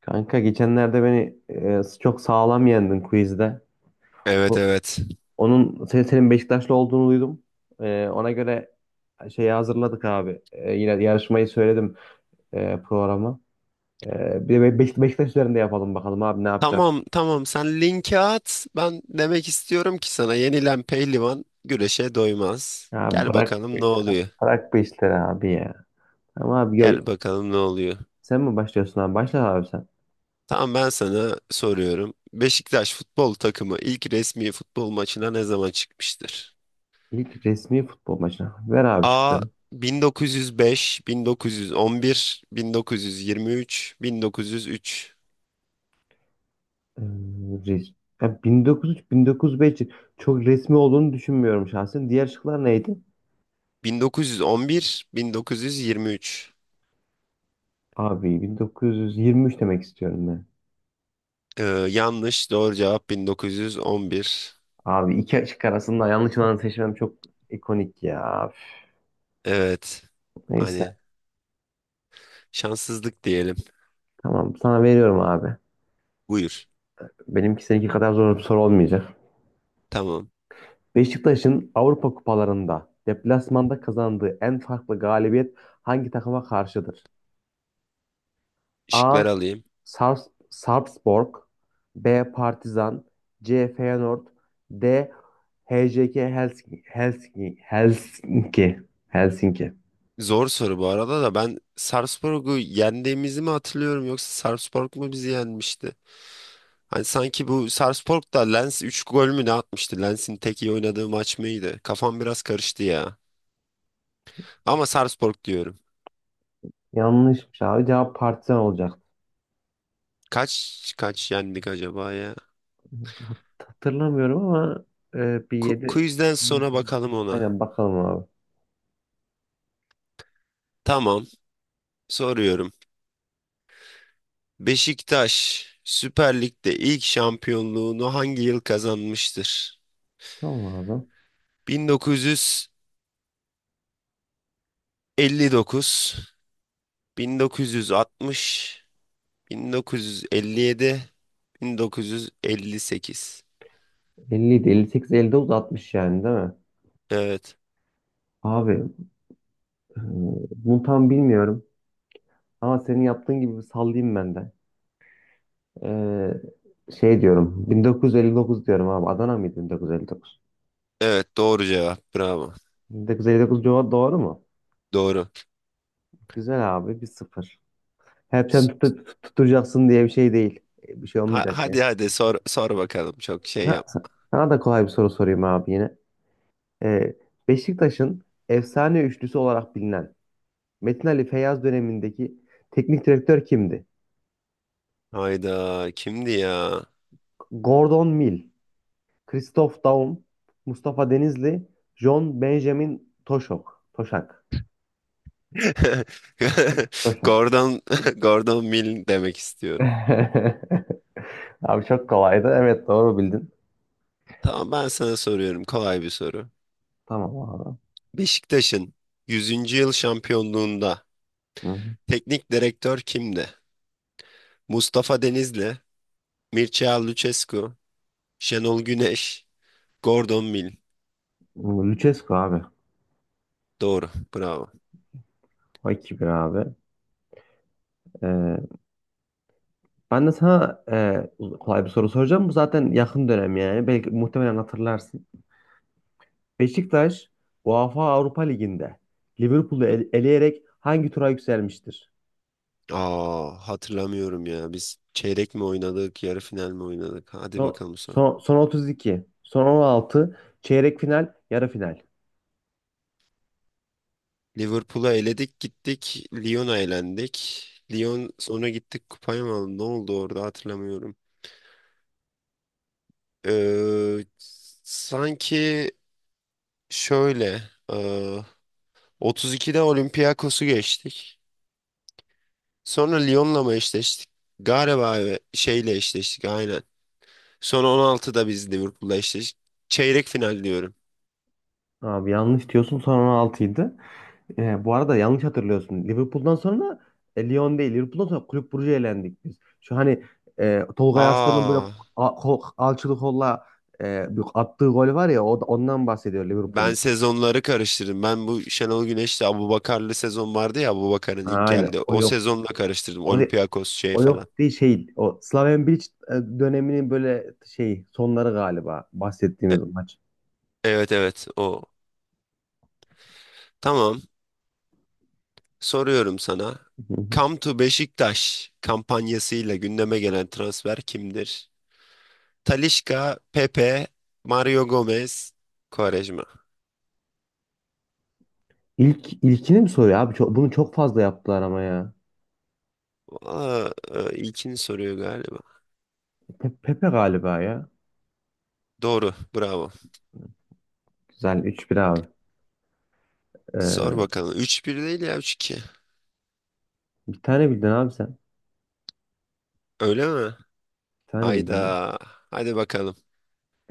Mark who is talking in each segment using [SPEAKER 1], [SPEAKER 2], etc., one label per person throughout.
[SPEAKER 1] Kanka geçenlerde beni çok sağlam yendin quizde.
[SPEAKER 2] Evet
[SPEAKER 1] O-
[SPEAKER 2] evet.
[SPEAKER 1] senin Beşiktaşlı olduğunu duydum. Ona göre şeyi hazırladık abi. Yine yarışmayı söyledim, programı. Bir de Beşiktaş üzerinde yapalım bakalım abi, ne yapacaksın?
[SPEAKER 2] Tamam tamam sen linki at. Ben demek istiyorum ki sana yenilen pehlivan güreşe doymaz.
[SPEAKER 1] Ya
[SPEAKER 2] Gel
[SPEAKER 1] bırak
[SPEAKER 2] bakalım ne oluyor.
[SPEAKER 1] bırak bu işleri abi ya. Ama abi,
[SPEAKER 2] Gel bakalım ne oluyor.
[SPEAKER 1] sen mi başlıyorsun abi? Başla abi sen.
[SPEAKER 2] Tamam ben sana soruyorum. Beşiktaş futbol takımı ilk resmi futbol maçına ne zaman çıkmıştır?
[SPEAKER 1] İlk resmi futbol maçına. Ver abi
[SPEAKER 2] A
[SPEAKER 1] şıkları.
[SPEAKER 2] 1905, 1911, 1923, 1903.
[SPEAKER 1] E, res- Ya 1903-1905 çok resmi olduğunu düşünmüyorum şahsen. Diğer şıklar neydi?
[SPEAKER 2] 1911, 1923.
[SPEAKER 1] Abi, 1923 demek istiyorum ben.
[SPEAKER 2] Ee, yanlış doğru cevap 1911.
[SPEAKER 1] Abi, iki açık arasında yanlış olanı seçmem çok ikonik ya. Üf.
[SPEAKER 2] Evet.
[SPEAKER 1] Neyse.
[SPEAKER 2] Hani şanssızlık diyelim.
[SPEAKER 1] Tamam, sana veriyorum abi.
[SPEAKER 2] Buyur.
[SPEAKER 1] Benimki seninki kadar zor bir soru olmayacak.
[SPEAKER 2] Tamam.
[SPEAKER 1] Beşiktaş'ın Avrupa kupalarında deplasmanda kazandığı en farklı galibiyet hangi takıma karşıdır? A.
[SPEAKER 2] Şıkları alayım.
[SPEAKER 1] Sarpsborg. B. Partizan. C. Feyenoord. D. HJK Helsinki Helsinki
[SPEAKER 2] Zor soru bu arada da, ben Sarpsborg'u yendiğimizi mi hatırlıyorum yoksa Sarpsborg mu bizi yenmişti? Hani sanki bu Sarpsborg da Lens 3 gol mü ne atmıştı? Lens'in tek iyi oynadığı maç mıydı? Kafam biraz karıştı ya. Ama Sarpsborg diyorum.
[SPEAKER 1] Yanlışmış abi. Cevap Partizan olacaktı.
[SPEAKER 2] Kaç kaç yendik acaba ya?
[SPEAKER 1] Hat- Hatırlamıyorum ama bir yedi
[SPEAKER 2] Quizden sonra bakalım ona.
[SPEAKER 1] Aynen bakalım abi.
[SPEAKER 2] Tamam. Soruyorum. Beşiktaş Süper Lig'de ilk şampiyonluğunu hangi yıl kazanmıştır?
[SPEAKER 1] Tamam abi.
[SPEAKER 2] 1959, 1960, 1957, 1958.
[SPEAKER 1] 50 58, 59, 60 yani değil mi?
[SPEAKER 2] Evet.
[SPEAKER 1] Abi, e, bunu tam bilmiyorum. Ama senin yaptığın gibi bir sallayayım ben de. Şey diyorum. 1959 diyorum abi. Adana mıydı 1959?
[SPEAKER 2] Evet doğru cevap. Bravo.
[SPEAKER 1] 1959 cevap doğru mu?
[SPEAKER 2] Doğru.
[SPEAKER 1] Güzel abi. 1-0. Hep sen
[SPEAKER 2] S-
[SPEAKER 1] tutturacaksın diye bir şey değil. Bir şey
[SPEAKER 2] ha-
[SPEAKER 1] olmayacak.
[SPEAKER 2] hadi hadi sor sor bakalım. Çok şey
[SPEAKER 1] Ha-
[SPEAKER 2] yap.
[SPEAKER 1] Sana da kolay bir soru sorayım abi yine. Ee, Beşiktaş'ın efsane üçlüsü olarak bilinen Metin Ali Feyyaz dönemindeki teknik direktör kimdi?
[SPEAKER 2] Hayda, kimdi ya?
[SPEAKER 1] Gordon Mill, Christoph Daum, Mustafa Denizli, John Benjamin Toşak. Toşak.
[SPEAKER 2] Gordon Gordon Mill demek istiyorum.
[SPEAKER 1] Abi çok kolaydı. Evet, doğru bildin.
[SPEAKER 2] Tamam, ben sana soruyorum kolay bir soru.
[SPEAKER 1] Tamam abi.
[SPEAKER 2] Beşiktaş'ın yüzüncü yıl şampiyonluğunda
[SPEAKER 1] Hı hı.
[SPEAKER 2] teknik direktör kimdi? Mustafa Denizli, Mircea Lucescu, Şenol Güneş, Gordon Mill.
[SPEAKER 1] Lucescu abi.
[SPEAKER 2] Doğru. Bravo.
[SPEAKER 1] O 2-1 abi. Ee, Ben de sana kolay bir soru soracağım. Bu zaten yakın dönem yani. Belki muhtemelen hatırlarsın. Beşiktaş UEFA Avrupa Ligi'nde Liverpool'u
[SPEAKER 2] Hı.
[SPEAKER 1] eleyerek hangi tura yükselmiştir?
[SPEAKER 2] Aa, hatırlamıyorum ya. Biz çeyrek mi oynadık, yarı final mi oynadık? Hadi
[SPEAKER 1] Son,
[SPEAKER 2] bakalım sonra.
[SPEAKER 1] Son 32, son 16, çeyrek final, yarı final.
[SPEAKER 2] Liverpool'a eledik gittik. Lyon'a elendik. Lyon sonra gittik kupayı mı aldı? Ne oldu orada hatırlamıyorum. Ee, sanki şöyle. 32'de Olympiakos'u geçtik. Sonra Lyon'la mı eşleştik? Galiba evet, şeyle eşleştik aynen. Sonra 16'da biz Liverpool'la eşleştik. Çeyrek final diyorum.
[SPEAKER 1] Abi, yanlış diyorsun, son 16'ydı. Bu arada yanlış hatırlıyorsun. Liverpool'dan sonra Lyon değil. Liverpool'dan sonra Kulüp Brugge'ye elendik biz. Şu hani, Tolga Arslan'ın böyle
[SPEAKER 2] Aa,
[SPEAKER 1] alçılı kolla bir attığı gol var ya, ondan bahsediyor
[SPEAKER 2] ben
[SPEAKER 1] Liverpool'un.
[SPEAKER 2] sezonları karıştırdım. Ben bu Şenol Güneş'le Abubakar'lı sezon vardı ya, Abubakar'ın ilk
[SPEAKER 1] Ha, aynen.
[SPEAKER 2] geldi.
[SPEAKER 1] O
[SPEAKER 2] O
[SPEAKER 1] yok.
[SPEAKER 2] sezonla karıştırdım.
[SPEAKER 1] O, de-
[SPEAKER 2] Olympiakos şey
[SPEAKER 1] o
[SPEAKER 2] falan.
[SPEAKER 1] yok değil şey. O Slaven Bilic döneminin böyle şey sonları galiba
[SPEAKER 2] E-
[SPEAKER 1] bahsettiğimiz maç.
[SPEAKER 2] evet evet o. Tamam, soruyorum sana.
[SPEAKER 1] Hı hı.
[SPEAKER 2] Come to Beşiktaş kampanyasıyla gündeme gelen transfer kimdir? Talisca, Pepe, Mario Gomez, Quaresma.
[SPEAKER 1] İlk ilkini mi soruyor abi? Bunu çok fazla yaptılar ama ya.
[SPEAKER 2] Aa, ilkini soruyor galiba.
[SPEAKER 1] Pepe galiba ya.
[SPEAKER 2] Doğru, bravo.
[SPEAKER 1] Güzel, üç 1 abi.
[SPEAKER 2] Sor
[SPEAKER 1] Ee,
[SPEAKER 2] bakalım. Üç bir değil ya, üç 2.
[SPEAKER 1] Bir tane bildin abi sen.
[SPEAKER 2] Öyle mi?
[SPEAKER 1] Bir tane bildiğim.
[SPEAKER 2] Hayda. Hadi bakalım.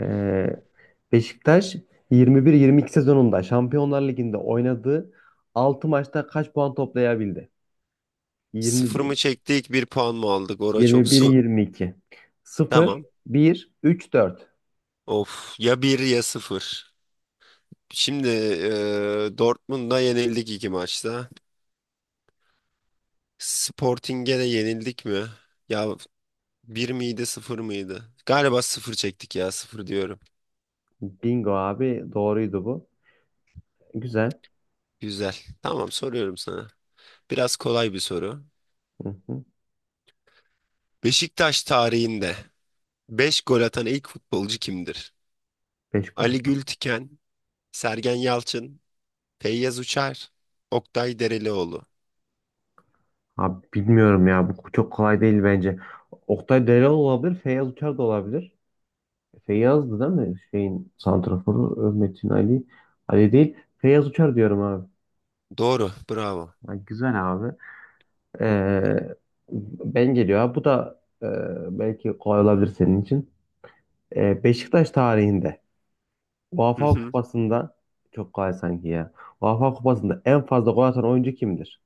[SPEAKER 1] Ee, Beşiktaş 21-22 sezonunda Şampiyonlar Ligi'nde oynadığı 6 maçta kaç puan toplayabildi?
[SPEAKER 2] Sıfır
[SPEAKER 1] 21,
[SPEAKER 2] mı çektik, bir puan mı aldık? Ora çok zor.
[SPEAKER 1] 21-22, 0,
[SPEAKER 2] Tamam.
[SPEAKER 1] 1, 3, 4.
[SPEAKER 2] Of, ya bir ya sıfır. Şimdi Dortmund'a yenildik iki maçta. Sporting'e de yenildik mi? Ya bir miydi, sıfır mıydı? Galiba sıfır çektik ya, sıfır diyorum.
[SPEAKER 1] Bingo abi, doğruydu bu. Güzel.
[SPEAKER 2] Güzel. Tamam, soruyorum sana. Biraz kolay bir soru.
[SPEAKER 1] Hı hı.
[SPEAKER 2] Beşiktaş tarihinde 5 gol atan ilk futbolcu kimdir?
[SPEAKER 1] 5 gol
[SPEAKER 2] Ali
[SPEAKER 1] atmak.
[SPEAKER 2] Gültiken, Sergen Yalçın, Feyyaz Uçar, Oktay Derelioğlu.
[SPEAKER 1] Abi bilmiyorum ya, bu çok kolay değil bence. Oktay Delal olabilir, Feyyaz Uçar da olabilir. Feyyaz'dı değil mi? Şeyin santraforu, Metin Ali. Ali değil. Feyyaz Uçar diyorum abi.
[SPEAKER 2] Doğru. Bravo.
[SPEAKER 1] Ya güzel abi. Ee, Ben geliyor abi. Bu da, belki kolay olabilir senin için. Beşiktaş tarihinde
[SPEAKER 2] Hı
[SPEAKER 1] UEFA
[SPEAKER 2] hı.
[SPEAKER 1] Kupası'nda çok kolay sanki ya. UEFA Kupası'nda en fazla gol atan oyuncu kimdir?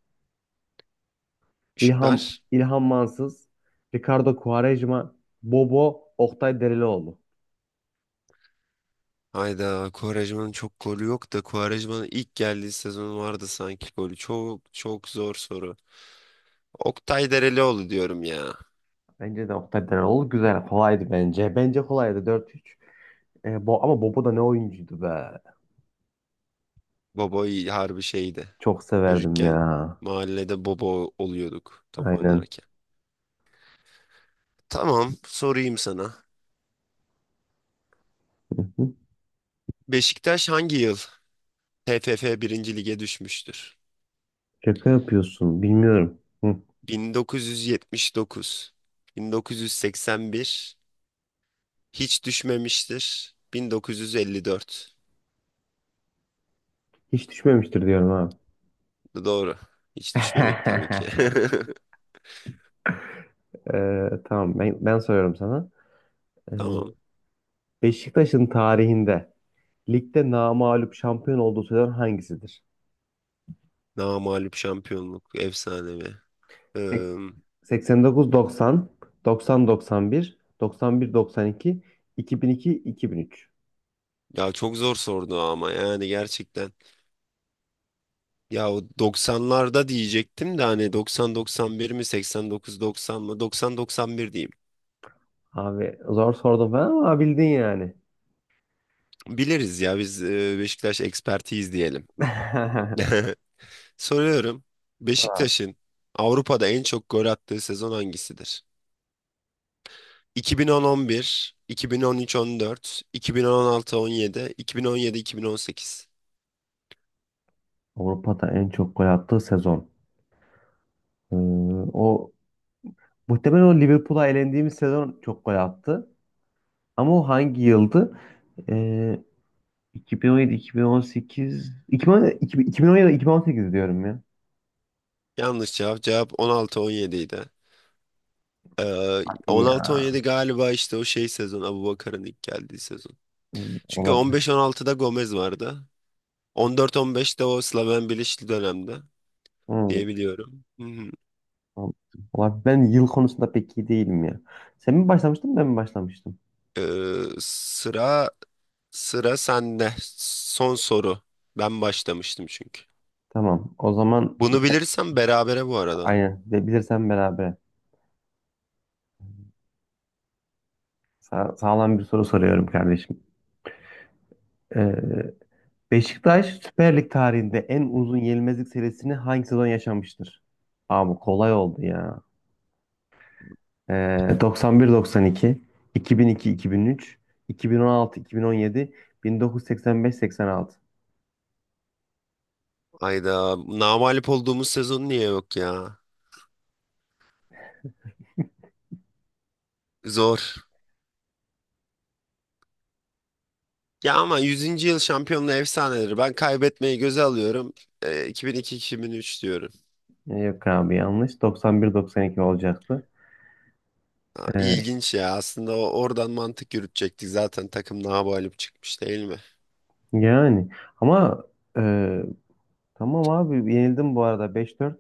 [SPEAKER 2] Işıklar.
[SPEAKER 1] İlhan Mansız, Ricardo Quaresma, Bobo, Oktay Derelioğlu.
[SPEAKER 2] Hayda, Quaresma'nın çok golü yok da Quaresma'nın ilk geldiği sezon vardı sanki golü. Çok çok zor soru. Oktay Derelioğlu diyorum ya.
[SPEAKER 1] Bence de Oktay Derelioğlu güzel. Kolaydı bence. Bence kolaydı, 4-3. E, Bo Ama Bobo da ne oyuncuydu be.
[SPEAKER 2] Boboy harbi şeydi.
[SPEAKER 1] Çok severdim
[SPEAKER 2] Çocukken
[SPEAKER 1] ya.
[SPEAKER 2] mahallede bobo oluyorduk top
[SPEAKER 1] Aynen.
[SPEAKER 2] oynarken. Tamam, sorayım sana.
[SPEAKER 1] Hı,
[SPEAKER 2] Beşiktaş hangi yıl TFF birinci Lig'e düşmüştür?
[SPEAKER 1] Şaka yapıyorsun. Bilmiyorum. Hı,
[SPEAKER 2] 1979, 1981, hiç düşmemiştir, 1954.
[SPEAKER 1] Hiç düşmemiştir diyorum ha.
[SPEAKER 2] Doğru. Hiç düşmedik tabii ki.
[SPEAKER 1] Tamam, ben soruyorum sana. Ee,
[SPEAKER 2] Tamam.
[SPEAKER 1] Beşiktaş'ın tarihinde ligde namağlup şampiyon olduğu sezon hangisidir?
[SPEAKER 2] Namağlup şampiyonluk, efsanevi.
[SPEAKER 1] Seks-
[SPEAKER 2] Ee,
[SPEAKER 1] 89-90, 90-91, 91-92, 2002-2003.
[SPEAKER 2] ya çok zor sordu ama yani gerçekten. Ya o 90'larda diyecektim de, hani 90-91 mi, 89-90 mı? 90-91 diyeyim.
[SPEAKER 1] Abi, zor sordum ben ama bildin yani.
[SPEAKER 2] Biliriz ya biz, Beşiktaş ekspertiyiz diyelim. Soruyorum.
[SPEAKER 1] Ha,
[SPEAKER 2] Beşiktaş'ın Avrupa'da en çok gol attığı sezon hangisidir? 2010-11, 2013-14, 2016-17, 2017-2018.
[SPEAKER 1] Avrupa'da en çok gol attığı sezon. Ee, O muhtemelen o Liverpool'a elendiğimiz sezon çok gol attı. Ama o hangi yıldı? Ee, 2017, 2018, 2017, 2018 diyorum ya.
[SPEAKER 2] Yanlış cevap. Cevap 16-17 idi.
[SPEAKER 1] Hadi ya.
[SPEAKER 2] 16-17 galiba işte o şey sezon, Abubakar'ın ilk geldiği sezon.
[SPEAKER 1] Hı,
[SPEAKER 2] Çünkü
[SPEAKER 1] olabilir.
[SPEAKER 2] 15-16'da Gomez vardı. 14-15'te o Slaven Bilic'li dönemde
[SPEAKER 1] Hı.
[SPEAKER 2] diyebiliyorum. Hı hı.
[SPEAKER 1] Tamam. Valla ben yıl konusunda pek iyi değilim ya. Sen mi başlamıştın, ben mi başlamıştım?
[SPEAKER 2] Ee, sıra sıra sende. Son soru. Ben başlamıştım çünkü.
[SPEAKER 1] Tamam, o zaman
[SPEAKER 2] Bunu bilirsem berabere bu arada.
[SPEAKER 1] aynen, de bilirsen beraber. Sağlam bir soru soruyorum kardeşim. Ee, Beşiktaş Süper Lig tarihinde en uzun yenilmezlik serisini hangi sezon yaşamıştır? Abi kolay oldu ya. Ee, 91-92, 2002-2003, 2016-2017, 1985-86.
[SPEAKER 2] Ayda namalip olduğumuz sezon niye yok ya? Zor. Ya ama yüzüncü yıl şampiyonluğu efsaneleri. Ben kaybetmeyi göze alıyorum. 2002-2003 diyorum.
[SPEAKER 1] Yok abi, yanlış. 91-92 olacaktı.
[SPEAKER 2] Ha,
[SPEAKER 1] Ee,
[SPEAKER 2] İlginç ya. Aslında oradan mantık yürütecektik. Zaten takım nabalip çıkmış değil mi?
[SPEAKER 1] Yani ama e, tamam abi, yenildim bu arada 5-4.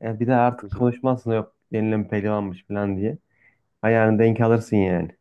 [SPEAKER 1] Ya bir de
[SPEAKER 2] Hı
[SPEAKER 1] artık
[SPEAKER 2] hı.
[SPEAKER 1] konuşmazsın, yok yenilen pehlivanmış falan diye. Ayağını denk alırsın yani.